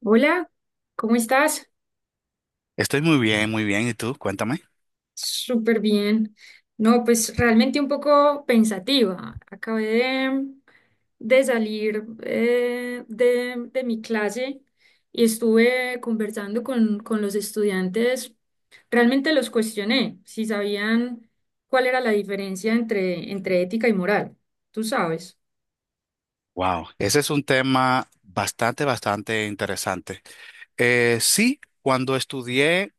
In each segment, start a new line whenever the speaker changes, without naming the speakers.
Hola, ¿cómo estás?
Estoy muy bien, muy bien. ¿Y tú? Cuéntame.
Súper bien. No, pues realmente un poco pensativa. Acabé de salir de mi clase y estuve conversando con los estudiantes. Realmente los cuestioné si sabían cuál era la diferencia entre ética y moral. Tú sabes.
Wow, ese es un tema bastante, bastante interesante. Sí, cuando estudié,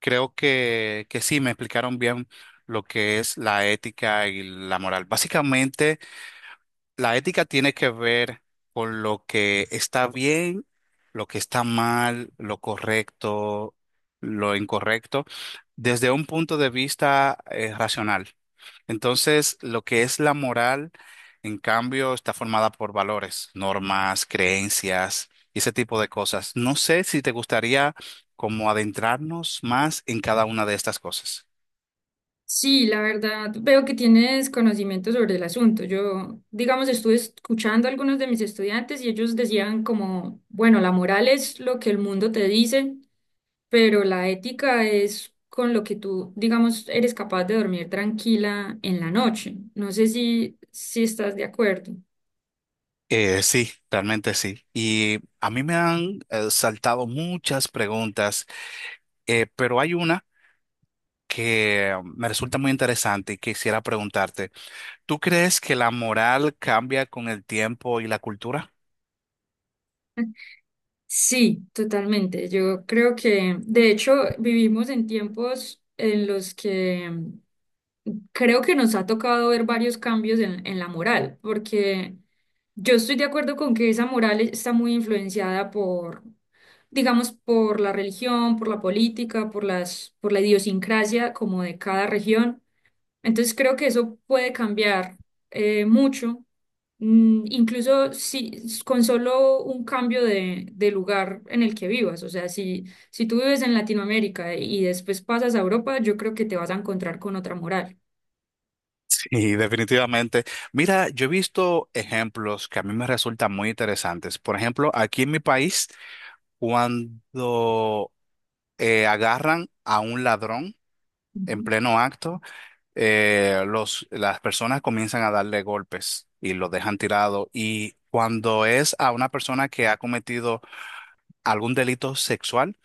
creo que sí, me explicaron bien lo que es la ética y la moral. Básicamente, la ética tiene que ver con lo que está bien, lo que está mal, lo correcto, lo incorrecto, desde un punto de vista racional. Entonces, lo que es la moral, en cambio, está formada por valores, normas, creencias y ese tipo de cosas. No sé si te gustaría como adentrarnos más en cada una de estas cosas.
Sí, la verdad, veo que tienes conocimiento sobre el asunto. Yo, digamos, estuve escuchando a algunos de mis estudiantes y ellos decían como, bueno, la moral es lo que el mundo te dice, pero la ética es con lo que tú, digamos, eres capaz de dormir tranquila en la noche. No sé si estás de acuerdo.
Sí, realmente sí. Y a mí me han saltado muchas preguntas, pero hay una que me resulta muy interesante y quisiera preguntarte, ¿tú crees que la moral cambia con el tiempo y la cultura?
Sí, totalmente. Yo creo que, de hecho, vivimos en tiempos en los que creo que nos ha tocado ver varios cambios en la moral, porque yo estoy de acuerdo con que esa moral está muy influenciada por, digamos, por la religión, por la política, por por la idiosincrasia como de cada región. Entonces creo que eso puede cambiar mucho, incluso si s- con solo un cambio de lugar en el que vivas. O sea, si tú vives en Latinoamérica y después pasas a Europa, yo creo que te vas a encontrar con otra moral.
Sí, definitivamente. Mira, yo he visto ejemplos que a mí me resultan muy interesantes. Por ejemplo, aquí en mi país, cuando agarran a un ladrón en
Ujú,
pleno acto, las personas comienzan a darle golpes y lo dejan tirado. Y cuando es a una persona que ha cometido algún delito sexual,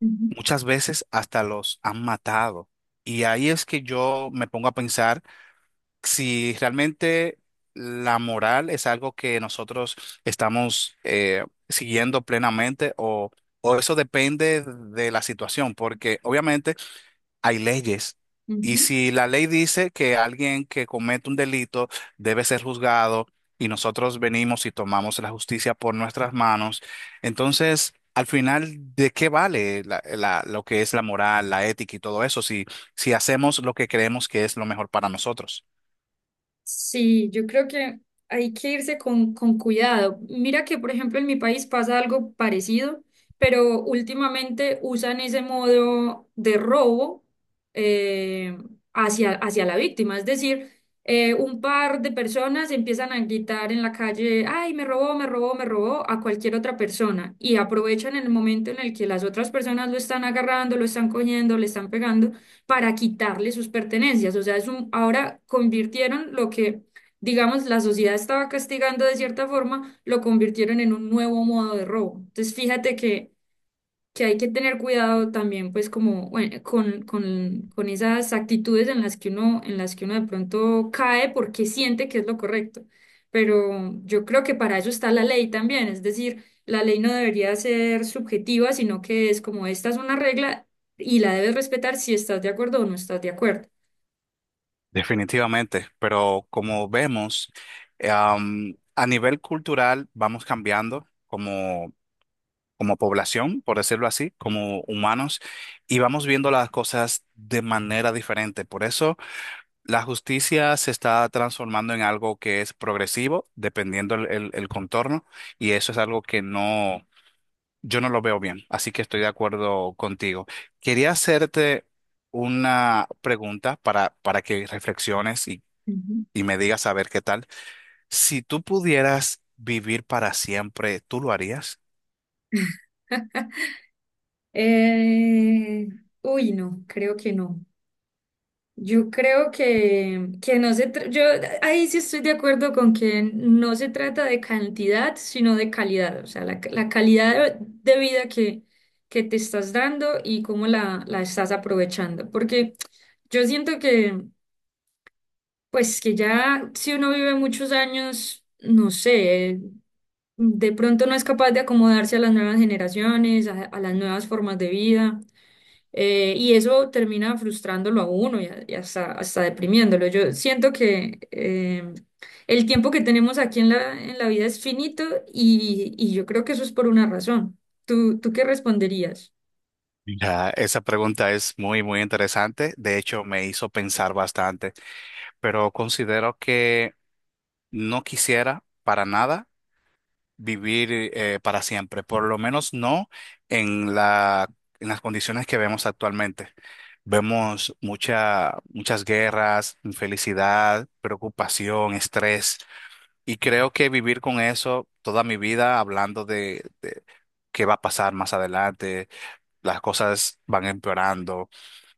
ujú,
muchas veces hasta los han matado. Y ahí es que yo me pongo a pensar si realmente la moral es algo que nosotros estamos siguiendo plenamente o... o eso depende de la situación, porque obviamente hay leyes. Y
ujú.
si la ley dice que alguien que comete un delito debe ser juzgado y nosotros venimos y tomamos la justicia por nuestras manos, entonces, al final, ¿de qué vale lo que es la moral, la ética y todo eso si, si hacemos lo que creemos que es lo mejor para nosotros?
Sí, yo creo que hay que irse con cuidado. Mira que, por ejemplo, en mi país pasa algo parecido, pero últimamente usan ese modo de robo eh, hacia la víctima. Es decir, un par de personas empiezan a gritar en la calle, ay, me robó, me robó, me robó a cualquier otra persona y aprovechan el momento en el que las otras personas lo están agarrando, lo están cogiendo, le están pegando para quitarle sus pertenencias. O sea, ahora convirtieron lo que, digamos, la sociedad estaba castigando de cierta forma, lo convirtieron en un nuevo modo de robo. Entonces, fíjate que hay que tener cuidado también, pues, como bueno, con esas actitudes en las que uno, en las que uno de pronto cae porque siente que es lo correcto. Pero yo creo que para eso está la ley también, es decir, la ley no debería ser subjetiva, sino que es como esta es una regla y la debes respetar si estás de acuerdo o no estás de acuerdo.
Definitivamente, pero como vemos, a nivel cultural vamos cambiando. Como como población, por decirlo así, como humanos, y vamos viendo las cosas de manera diferente. Por eso la justicia se está transformando en algo que es progresivo, dependiendo el contorno, y eso es algo que no, yo no lo veo bien, así que estoy de acuerdo contigo. Quería hacerte una pregunta para que reflexiones
Ujú.
y me digas a ver qué tal. Si tú pudieras vivir para siempre, ¿tú lo harías?
Eh, uy, no, creo que no. Yo creo que no se tra- yo ahí sí estoy de acuerdo con que no se trata de cantidad, sino de calidad, o sea, la calidad de vida que te estás dando y cómo la estás aprovechando. Porque yo siento que, pues que ya si uno vive muchos años, no sé, de pronto no es capaz de acomodarse a las nuevas generaciones, a las nuevas formas de vida. Y eso termina frustrándolo a uno y, y hasta deprimiéndolo. Yo siento que el tiempo que tenemos aquí en en la vida es finito y yo creo que eso es por una razón. Tú qué responderías?
Mira, esa pregunta es muy, muy interesante. De hecho, me hizo pensar bastante, pero considero que no quisiera para nada vivir para siempre, por lo menos no en la, en las condiciones que vemos actualmente. Vemos mucha, muchas guerras, infelicidad, preocupación, estrés, y creo que vivir con eso toda mi vida, hablando de qué va a pasar más adelante las cosas van empeorando.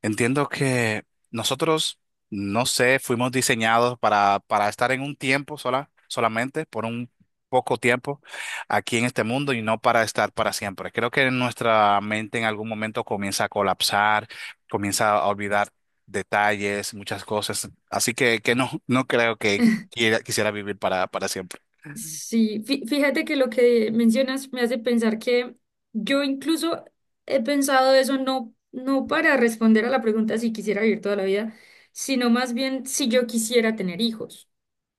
Entiendo que nosotros, no sé, fuimos diseñados para estar en un tiempo sola, solamente, por un poco tiempo aquí en este mundo y no para estar para siempre. Creo que nuestra mente en algún momento comienza a colapsar, comienza a olvidar detalles, muchas cosas. Así que no, no creo que quiera, quisiera vivir para siempre.
Sí, fíjate que lo que mencionas me hace pensar que yo incluso he pensado eso no, no para responder a la pregunta si quisiera vivir toda la vida, sino más bien si yo quisiera tener hijos.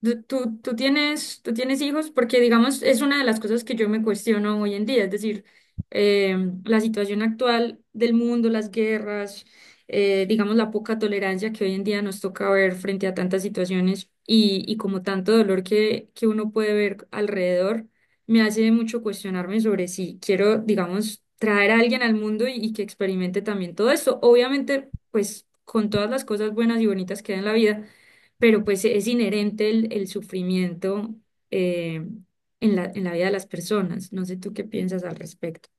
Tú tienes hijos porque, digamos, es una de las cosas que yo me cuestiono hoy en día, es decir, eh, la situación actual del mundo, las guerras, digamos, la poca tolerancia que hoy en día nos toca ver frente a tantas situaciones y como tanto dolor que uno puede ver alrededor, me hace mucho cuestionarme sobre si quiero, digamos, traer a alguien al mundo y que experimente también todo esto. Obviamente, pues, con todas las cosas buenas y bonitas que hay en la vida pero pues es inherente el sufrimiento eh, en en la vida de las personas. No sé tú qué piensas al respecto.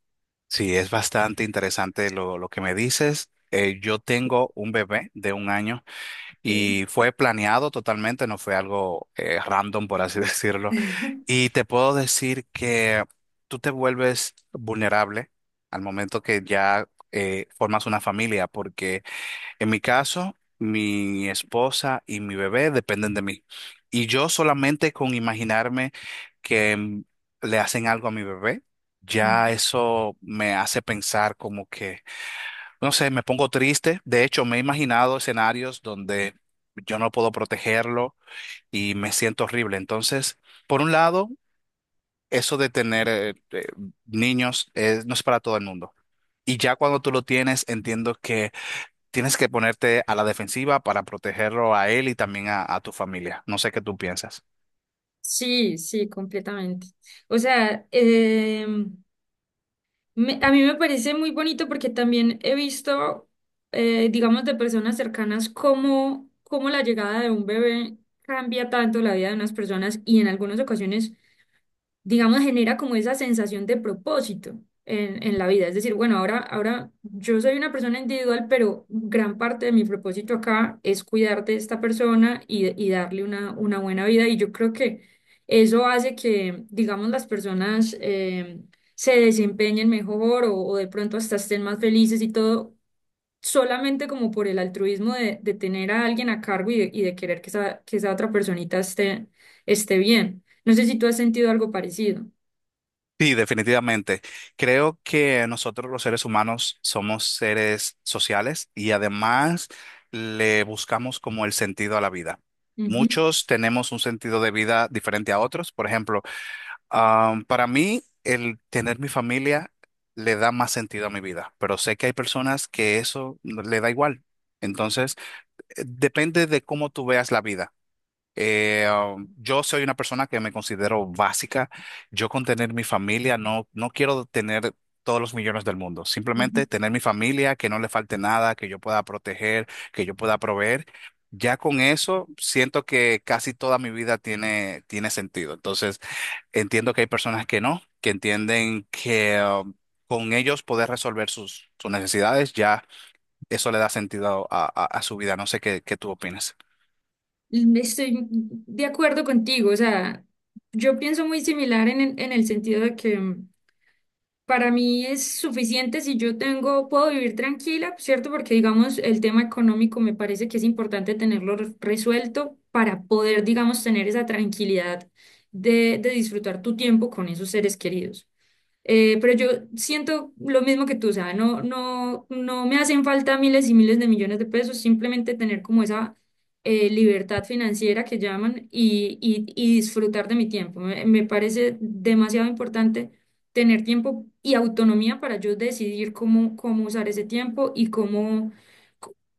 Sí, es bastante interesante lo que me dices. Yo tengo un bebé de un año.
Ok.
Y fue planeado totalmente, no fue algo random, por así decirlo. Y te puedo decir que tú te vuelves vulnerable al momento que ya formas una familia, porque en mi caso, mi esposa y mi bebé dependen de mí. Y yo solamente con imaginarme que le hacen algo a mi bebé, ya
Ujú.
eso me hace pensar como que... No sé, me pongo triste. De hecho, me he imaginado escenarios donde yo no puedo protegerlo y me siento horrible. Entonces, por un lado, eso de tener niños es- no es para todo el mundo. Y ya cuando tú lo tienes, entiendo que tienes que ponerte a la defensiva para protegerlo a él y también a tu familia. No sé qué tú piensas.
Sí, sí, completamente. O sea, a mí me parece muy bonito porque también he visto, digamos, de personas cercanas cómo la llegada de un bebé cambia tanto la vida de unas personas y en algunas ocasiones digamos, genera como esa sensación de propósito en la vida. Es decir, bueno, ahora yo soy una persona individual, pero gran parte de mi propósito acá es cuidar de esta persona y darle una buena vida. Y yo creo que eso hace que, digamos, las personas se desempeñen mejor o de pronto hasta estén más felices y todo solamente como por el altruismo de tener a alguien a cargo y y de querer que que esa otra personita esté bien. No sé si tú has sentido algo parecido.
Sí, definitivamente. Creo que nosotros los seres humanos somos seres sociales y además le buscamos como el sentido a la vida.
Ujú,
Muchos tenemos un sentido de vida diferente a otros. Por ejemplo, para mí el tener mi familia le da más sentido a mi vida, pero sé que hay personas que eso no- le da igual. Entonces, depende de cómo tú veas la vida. Eh, yo soy una persona que me considero básica. Yo con tener mi familia no, no quiero tener todos los millones del mundo.
ujú.
Simplemente tener mi familia, que no le falte nada, que yo pueda proteger, que yo pueda proveer. Ya con eso siento que casi toda mi vida tiene, tiene sentido. Entonces entiendo que hay personas que no, que entienden que con ellos poder resolver sus, sus necesidades, ya eso le da sentido a, a su vida. No sé qué, qué tú opinas.
Estoy de acuerdo contigo, o sea, yo pienso muy similar en, en el sentido de que para mí es suficiente si yo tengo, puedo vivir tranquila, ¿cierto? Porque digamos, el tema económico me parece que es importante tenerlo resuelto para poder, digamos, tener esa tranquilidad de disfrutar tu tiempo con esos seres queridos. Pero yo siento lo mismo que tú, o sea, no, no, no me hacen falta miles y miles de millones de pesos, simplemente tener como esa libertad financiera que llaman y disfrutar de mi tiempo. Me parece demasiado importante tener tiempo y autonomía para yo decidir cómo usar ese tiempo y cómo...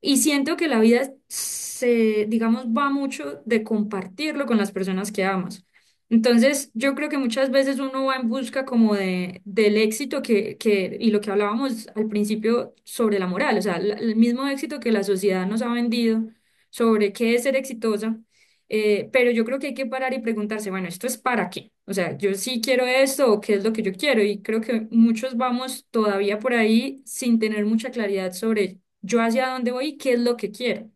Y siento que la vida se, digamos, va mucho de compartirlo con las personas que amas. Entonces, yo creo que muchas veces uno va en busca como del éxito y lo que hablábamos al principio sobre la moral, o sea, el mismo éxito que la sociedad nos ha vendido sobre qué es ser exitosa, pero yo creo que hay que parar y preguntarse, bueno, ¿esto es para qué? O sea, yo sí quiero esto o qué es lo que yo quiero y creo que muchos vamos todavía por ahí sin tener mucha claridad sobre yo hacia dónde voy y qué es lo que quiero.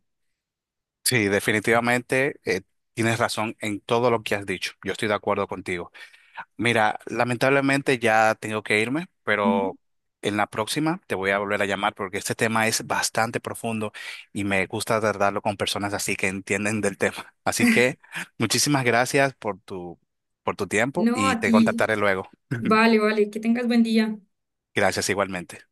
Sí, definitivamente tienes razón en todo lo que has dicho. Yo estoy de acuerdo contigo. Mira, lamentablemente ya tengo que irme,
Ujú.
pero en la próxima te voy a volver a llamar porque este tema es bastante profundo y me gusta tratarlo con personas así que entienden del tema. Así que muchísimas gracias por tu tiempo
No,
y
a
te
ti,
contactaré luego.
vale, vale, que tengas buen día.
Gracias igualmente.